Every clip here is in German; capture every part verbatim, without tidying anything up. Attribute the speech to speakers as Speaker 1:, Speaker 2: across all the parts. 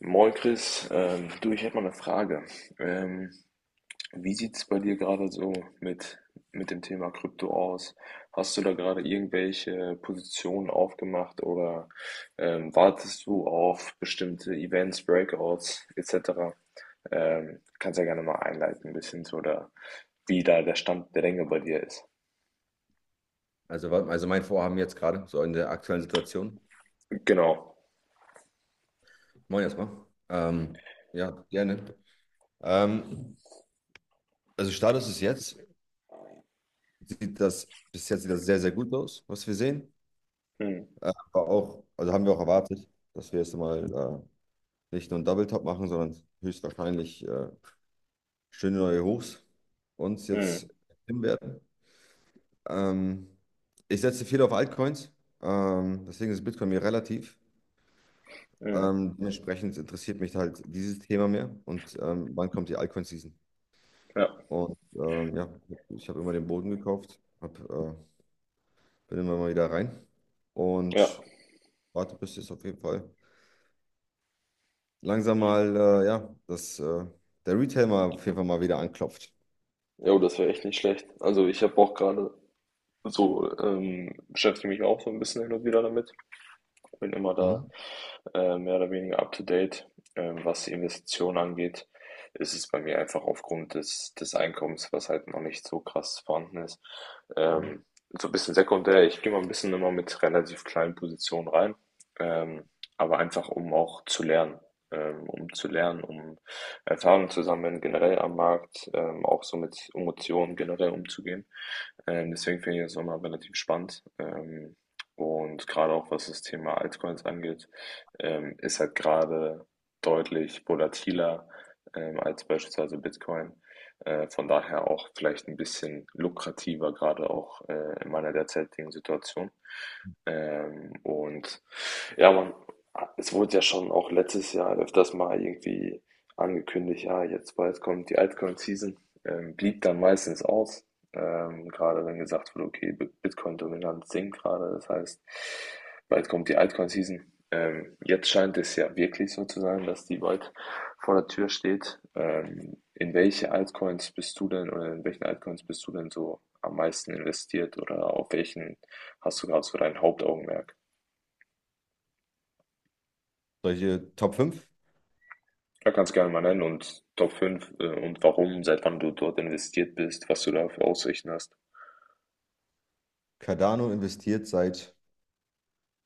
Speaker 1: Moin Chris, ähm, du, ich hätte mal eine Frage. Ähm, wie sieht es bei dir gerade so mit, mit dem Thema Krypto aus? Hast du da gerade irgendwelche Positionen aufgemacht oder ähm, wartest du auf bestimmte Events, Breakouts et cetera? Ähm, kannst ja gerne mal einleiten ein bisschen zu oder wie da der Stand der Dinge bei dir ist.
Speaker 2: Also, wa- also mein Vorhaben jetzt gerade, so in der aktuellen Situation.
Speaker 1: Genau.
Speaker 2: Moin erstmal. Ähm, ja, gerne. Ähm, also Status ist jetzt, sieht das, bis jetzt sieht das sehr, sehr gut aus, was wir sehen.
Speaker 1: Hm,
Speaker 2: Äh, Aber auch, also haben wir auch erwartet, dass wir jetzt mal äh, nicht nur einen Double Top machen, sondern höchstwahrscheinlich äh, schöne neue Hochs uns
Speaker 1: hm,
Speaker 2: jetzt hin werden. Ähm, Ich setze viel auf Altcoins, ähm, deswegen ist Bitcoin mir relativ.
Speaker 1: hm.
Speaker 2: Ähm, dementsprechend interessiert mich halt dieses Thema mehr, und ähm, wann kommt die Alcon-Season?
Speaker 1: Ja,
Speaker 2: Und ähm, ja, ich habe immer den Boden gekauft, hab, äh, bin immer mal wieder rein
Speaker 1: ja.
Speaker 2: und warte, bis jetzt auf jeden Fall langsam mal, äh, ja, dass äh, der Retail mal auf jeden Fall mal wieder anklopft.
Speaker 1: Jo, das wäre echt nicht schlecht. Also ich habe auch gerade. So, ähm, beschäftige mich auch so ein bisschen hin und wieder damit, bin immer da,
Speaker 2: Mhm.
Speaker 1: äh, mehr oder weniger up to date. Ähm, was die Investitionen angeht, ist es bei mir einfach aufgrund des, des Einkommens, was halt noch nicht so krass vorhanden ist,
Speaker 2: Mhm.
Speaker 1: ähm, so ein bisschen sekundär. Ich gehe mal ein bisschen immer mit relativ kleinen Positionen rein, ähm, aber einfach um auch zu lernen. Ähm, um zu lernen, um Erfahrungen zu sammeln, generell am Markt, ähm, auch so mit Emotionen generell umzugehen. Ähm, deswegen finde ich das immer relativ spannend. Ähm, und gerade auch was das Thema Altcoins angeht, ähm, ist halt gerade deutlich volatiler ähm, als beispielsweise Bitcoin. Äh, von daher auch vielleicht ein bisschen lukrativer, gerade auch äh, in meiner derzeitigen Situation. Ähm, und ja, man, es wurde ja schon auch letztes Jahr öfters mal irgendwie angekündigt, ja, jetzt bald kommt die Altcoin-Season, ähm, blieb dann meistens aus. Ähm, gerade wenn gesagt wird, okay, Bi- Bitcoin-Dominanz sinkt gerade, das heißt, bald kommt die Altcoin-Season. Ähm, jetzt scheint es ja wirklich so zu sein, dass die bald vor der Tür steht. Ähm, in welche Altcoins bist du denn oder in welchen Altcoins bist du denn so am meisten investiert oder auf welchen hast du gerade so dein Hauptaugenmerk?
Speaker 2: Solche Top fünf?
Speaker 1: Da kannst du gerne mal nennen und Top fünf äh, und warum, seit wann du dort investiert bist, was du da für Aussichten hast.
Speaker 2: Cardano investiert seit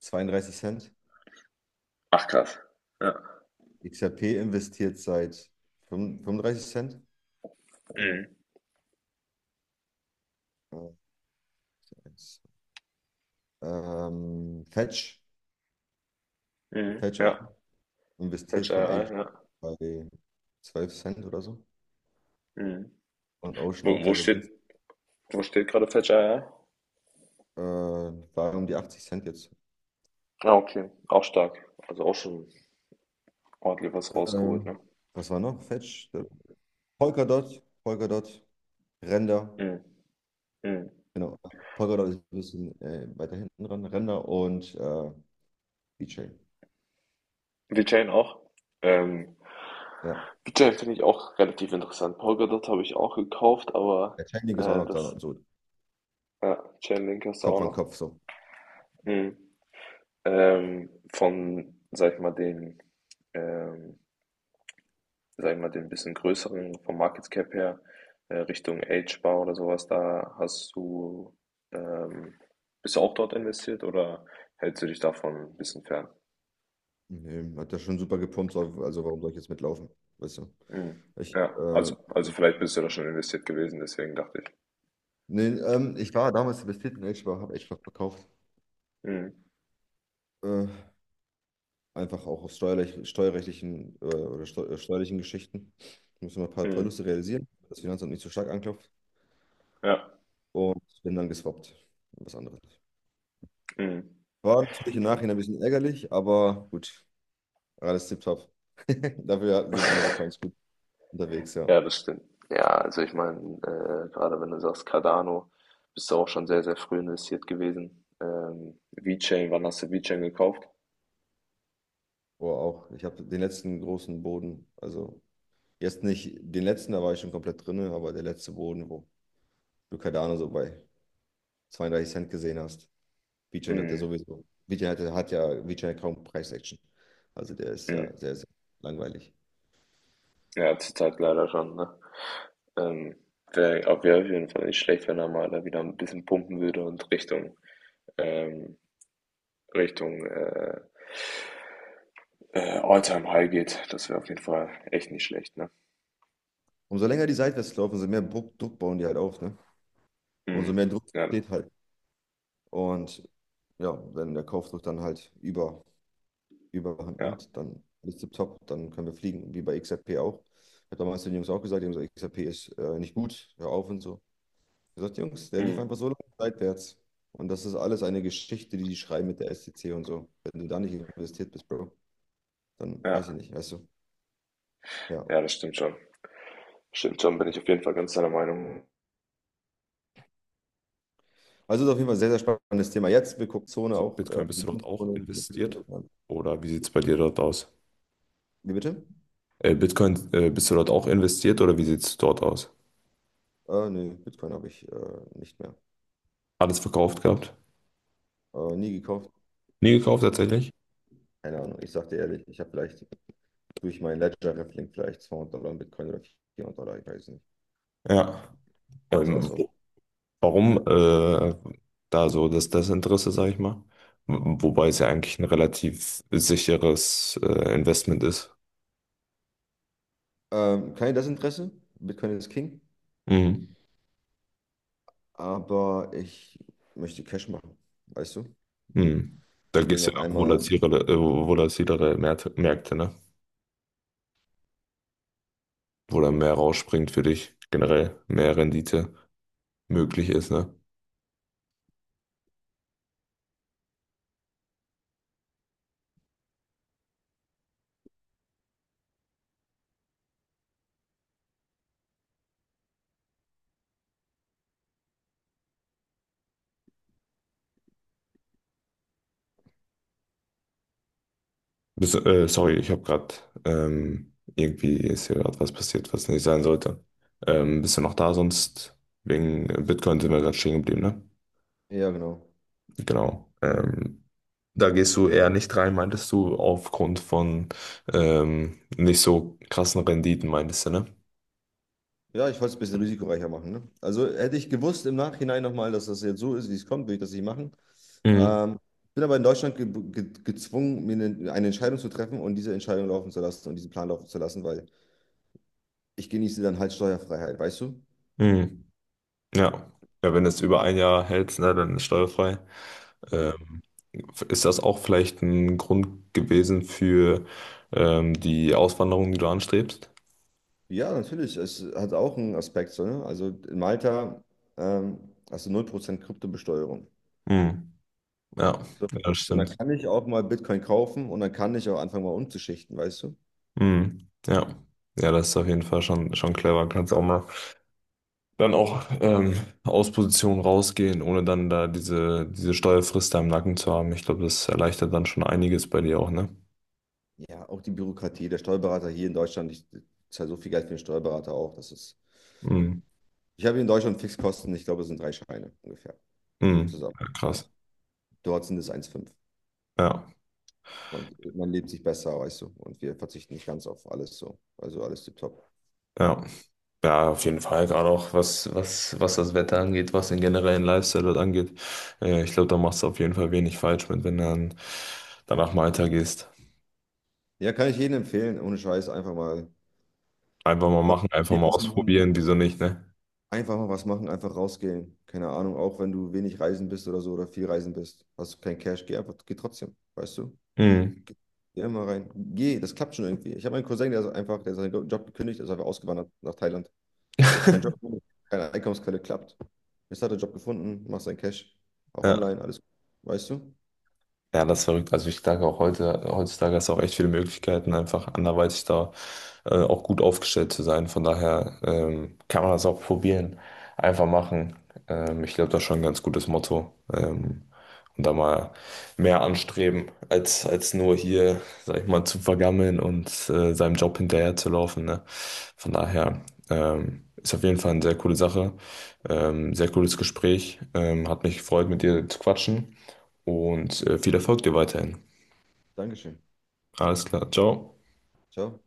Speaker 2: zweiunddreißig Cent,
Speaker 1: Ach krass. Ja.
Speaker 2: X R P investiert seit fünfunddreißig Cent,
Speaker 1: Mhm.
Speaker 2: äh, ähm, Fetch.
Speaker 1: Mhm.
Speaker 2: Fetch
Speaker 1: Ja.
Speaker 2: investiert
Speaker 1: Fällt
Speaker 2: von
Speaker 1: ja,
Speaker 2: Agent
Speaker 1: ja.
Speaker 2: bei zwölf Cent oder so.
Speaker 1: Mhm.
Speaker 2: Und Ocean
Speaker 1: Wo,
Speaker 2: auch
Speaker 1: wo
Speaker 2: sehr, sehr
Speaker 1: steht,
Speaker 2: günstig.
Speaker 1: wo steht gerade Fetcher? Ja?
Speaker 2: Äh, war um die achtzig Cent jetzt.
Speaker 1: Ah, okay. Auch stark. Also auch schon ordentlich was
Speaker 2: Äh,
Speaker 1: rausgeholt, ne?
Speaker 2: was war noch? Fetch? Äh, Polkadot, Polkadot, Render.
Speaker 1: Mhm. Mhm.
Speaker 2: Genau. Polkadot ist ein bisschen äh, weiter hinten dran. Render und äh, VeChain.
Speaker 1: VeChain auch. Ähm,
Speaker 2: Ja.
Speaker 1: VeChain finde ich auch relativ interessant. Polkadot habe ich auch gekauft, aber
Speaker 2: Der Chainlink ist auch
Speaker 1: äh,
Speaker 2: noch
Speaker 1: das
Speaker 2: da, so
Speaker 1: ja, Chainlink hast du auch
Speaker 2: Kopf an
Speaker 1: noch.
Speaker 2: Kopf. So.
Speaker 1: Mhm. Ähm, von, sag ich mal, den ähm, sag ich mal, den bisschen größeren vom Market Cap her, äh, Richtung Agebar oder sowas, da hast du, ähm, bist du auch dort investiert oder hältst du dich davon ein bisschen fern?
Speaker 2: Nee, hat ja schon super gepumpt, so, also warum soll ich jetzt mitlaufen? Weißt du?
Speaker 1: Mhm.
Speaker 2: Ich,
Speaker 1: Ja,
Speaker 2: äh,
Speaker 1: also, also vielleicht bist du da schon investiert gewesen, deswegen dachte ich.
Speaker 2: nee, ähm, ich war damals investiert in Edge, aber habe Edge verkauft.
Speaker 1: Mhm.
Speaker 2: Äh, Einfach auch aus steuerlich, steuerrechtlichen äh, oder steu äh, steuerlichen Geschichten. Ich muss immer ein paar
Speaker 1: Mhm.
Speaker 2: Verluste realisieren, damit das Finanzamt nicht so stark anklopft.
Speaker 1: Ja.
Speaker 2: Und bin dann geswappt. Was anderes.
Speaker 1: Mhm.
Speaker 2: War natürlich im Nachhinein ein bisschen ärgerlich, aber gut, alles tipptopp. Dafür sind andere Coins gut unterwegs, ja.
Speaker 1: Ja, das stimmt. Ja, also ich meine, äh, gerade wenn du sagst Cardano, bist du auch schon sehr, sehr früh investiert gewesen. Ähm, VeChain, wann hast du VeChain gekauft?
Speaker 2: Boah, auch. Ich habe den letzten großen Boden, also jetzt nicht den letzten, da war ich schon komplett drin, aber der letzte Boden, wo du Cardano so bei zweiunddreißig Cent gesehen hast. Vigen hat ja
Speaker 1: Mhm.
Speaker 2: sowieso, Vigen hat, hat ja, Vigen hat kaum Preis-Action. Also der ist ja
Speaker 1: Mhm.
Speaker 2: sehr, sehr langweilig.
Speaker 1: Ja, zurzeit leider schon, ne? Ähm, wäre auf wär auf jeden Fall nicht schlecht, wenn er mal da wieder ein bisschen pumpen würde und Richtung, ähm, Richtung äh, äh, All-Time-High geht. Das wäre auf jeden Fall echt nicht schlecht, ne?
Speaker 2: Umso länger die Seitwärts laufen, umso mehr Druck, Druck bauen die halt auf, ne? Umso
Speaker 1: Mhm.
Speaker 2: mehr Druck
Speaker 1: Ja,
Speaker 2: steht halt. Und ja, wenn der Kaufdruck dann halt über, überhand
Speaker 1: ja,
Speaker 2: nimmt, dann ist es top, dann können wir fliegen, wie bei X R P auch. Ich habe damals den Jungs auch gesagt, die haben gesagt, X R P ist äh, nicht gut, hör auf und so. Ich habe gesagt, Jungs, der lief einfach
Speaker 1: mhm.
Speaker 2: so lange seitwärts. Und das ist alles eine Geschichte, die die schreiben mit der S T C und so. Wenn du da nicht investiert bist, Bro, dann weiß ich
Speaker 1: Ja,
Speaker 2: nicht, weißt du. Ja.
Speaker 1: ja, das stimmt schon. Stimmt schon, bin ich auf jeden Fall ganz deiner Meinung.
Speaker 2: Also ist auf jeden Fall ein sehr, sehr spannendes Thema. Jetzt, wir gucken Zone
Speaker 1: So,
Speaker 2: auch, äh,
Speaker 1: Bitcoin, bist
Speaker 2: die
Speaker 1: du dort auch
Speaker 2: Bitcoin,
Speaker 1: investiert? Oder wie sieht es bei dir dort aus?
Speaker 2: wie bitte?
Speaker 1: Äh, Bitcoin, äh, bist du dort auch investiert oder wie sieht es dort aus?
Speaker 2: Äh, nee, Bitcoin habe ich äh, nicht mehr.
Speaker 1: Alles verkauft gehabt?
Speaker 2: Äh, nie gekauft.
Speaker 1: Nie gekauft tatsächlich?
Speaker 2: Keine Ahnung. Ich sag dir ehrlich, ich habe vielleicht durch meinen Ledger-Raffling vielleicht zweihundert Dollar in Bitcoin oder vierhundert Dollar, ich weiß nicht.
Speaker 1: Ja.
Speaker 2: Das
Speaker 1: Ähm,
Speaker 2: war's auch.
Speaker 1: wo- Warum äh, da so das Desinteresse, sage ich mal? W- Wobei es ja eigentlich ein relativ sicheres äh, Investment ist.
Speaker 2: Ähm, kein Desinteresse. Bitcoin ist King.
Speaker 1: Mhm.
Speaker 2: Aber ich möchte Cash machen, weißt du?
Speaker 1: Mhm. Da
Speaker 2: Und
Speaker 1: geht
Speaker 2: will
Speaker 1: es ja
Speaker 2: noch
Speaker 1: auch
Speaker 2: einmal,
Speaker 1: volatilere, äh, volatilere Märkte, Märkte, ne? Wo dann mehr rausspringt für dich, generell mehr Rendite möglich ist, ne? Bist, äh, sorry, ich habe gerade, ähm, irgendwie ist hier gerade was passiert, was nicht sein sollte. Ähm, bist du noch da? Sonst wegen Bitcoin sind wir gerade stehen geblieben, ne?
Speaker 2: ja, genau.
Speaker 1: Genau. Ähm, da gehst du eher nicht rein, meintest du, aufgrund von ähm, nicht so krassen Renditen, meintest du, ne?
Speaker 2: Ja, ich wollte es ein bisschen risikoreicher machen. Ne? Also hätte ich gewusst im Nachhinein nochmal, dass das jetzt so ist, wie es kommt, würde ich das nicht machen.
Speaker 1: Mhm.
Speaker 2: Ähm, bin aber in Deutschland ge ge gezwungen, mir eine, eine Entscheidung zu treffen und diese Entscheidung laufen zu lassen und diesen Plan laufen zu lassen, weil ich genieße dann halt Steuerfreiheit, weißt du?
Speaker 1: Mhm. Ja. Ja, wenn du es über ein Jahr hält, ne, dann ist steuerfrei.
Speaker 2: Genau.
Speaker 1: Ähm, ist das auch vielleicht ein Grund gewesen für ähm, die Auswanderung, die du anstrebst?
Speaker 2: Ja, natürlich. Es hat auch einen Aspekt. So, ne? Also in Malta ähm, hast du null Prozent Kryptobesteuerung.
Speaker 1: Mhm. Ja,
Speaker 2: So.
Speaker 1: ja, das
Speaker 2: Und dann
Speaker 1: stimmt.
Speaker 2: kann ich auch mal Bitcoin kaufen und dann kann ich auch anfangen, mal umzuschichten, weißt du?
Speaker 1: Mhm. Ja. Ja, das ist auf jeden Fall schon, schon clever. Kannst auch mal dann auch, ähm, aus Position rausgehen, ohne dann da diese, diese Steuerfrist da im Nacken zu haben. Ich glaube, das erleichtert dann schon einiges bei dir auch, ne?
Speaker 2: Ja, auch die Bürokratie. Der Steuerberater hier in Deutschland, ich zahle so viel Geld für den Steuerberater auch. Das ist,
Speaker 1: Mhm.
Speaker 2: ich habe hier in Deutschland Fixkosten, ich glaube, es sind drei Scheine ungefähr
Speaker 1: Mhm.
Speaker 2: zusammen.
Speaker 1: Ja,
Speaker 2: Ja.
Speaker 1: krass.
Speaker 2: Dort sind es eins Komma fünf.
Speaker 1: Ja,
Speaker 2: Man, man lebt sich besser, weißt du. Und wir verzichten nicht ganz auf alles so. Also alles tipptopp.
Speaker 1: ja. Ja, auf jeden Fall. Gerade auch was, was, was das Wetter angeht, was den generellen Lifestyle dort angeht. Äh, ich glaube, da machst du auf jeden Fall wenig falsch mit, wenn du dann danach Malta gehst.
Speaker 2: Ja, kann ich jedem empfehlen. Ohne Scheiß, einfach mal
Speaker 1: Einfach mal machen, einfach mal
Speaker 2: was machen.
Speaker 1: ausprobieren, wieso nicht, ne?
Speaker 2: Einfach mal was machen, einfach rausgehen. Keine Ahnung, auch wenn du wenig reisen bist oder so oder viel reisen bist, hast du kein Cash, geh einfach, geh trotzdem, weißt du?
Speaker 1: Mhm.
Speaker 2: Geh immer rein. Geh, das klappt schon irgendwie. Ich habe einen Cousin, der ist einfach, der hat seinen Job gekündigt, ist einfach ausgewandert nach Thailand. Der hat keinen Job, keine Einkommensquelle, klappt. Jetzt hat er einen Job gefunden, macht seinen Cash, auch
Speaker 1: Ja.
Speaker 2: online, alles gut, weißt du?
Speaker 1: Ja, das ist verrückt. Also ich denke auch heute, heutzutage hast du auch echt viele Möglichkeiten, einfach anderweitig da äh, auch gut aufgestellt zu sein. Von daher ähm, kann man das auch probieren, einfach machen. Ähm, ich glaube, das ist schon ein ganz gutes Motto. Ähm, und da mal mehr anstreben, als, als nur hier, sag ich mal, zu vergammeln und äh, seinem Job hinterher zu laufen. Ne? Von daher ähm, ist auf jeden Fall eine sehr coole Sache. Ähm, sehr cooles Gespräch. Ähm, hat mich gefreut, mit dir zu quatschen. Und äh, viel Erfolg dir weiterhin.
Speaker 2: Dankeschön.
Speaker 1: Alles klar, ciao.
Speaker 2: Ciao.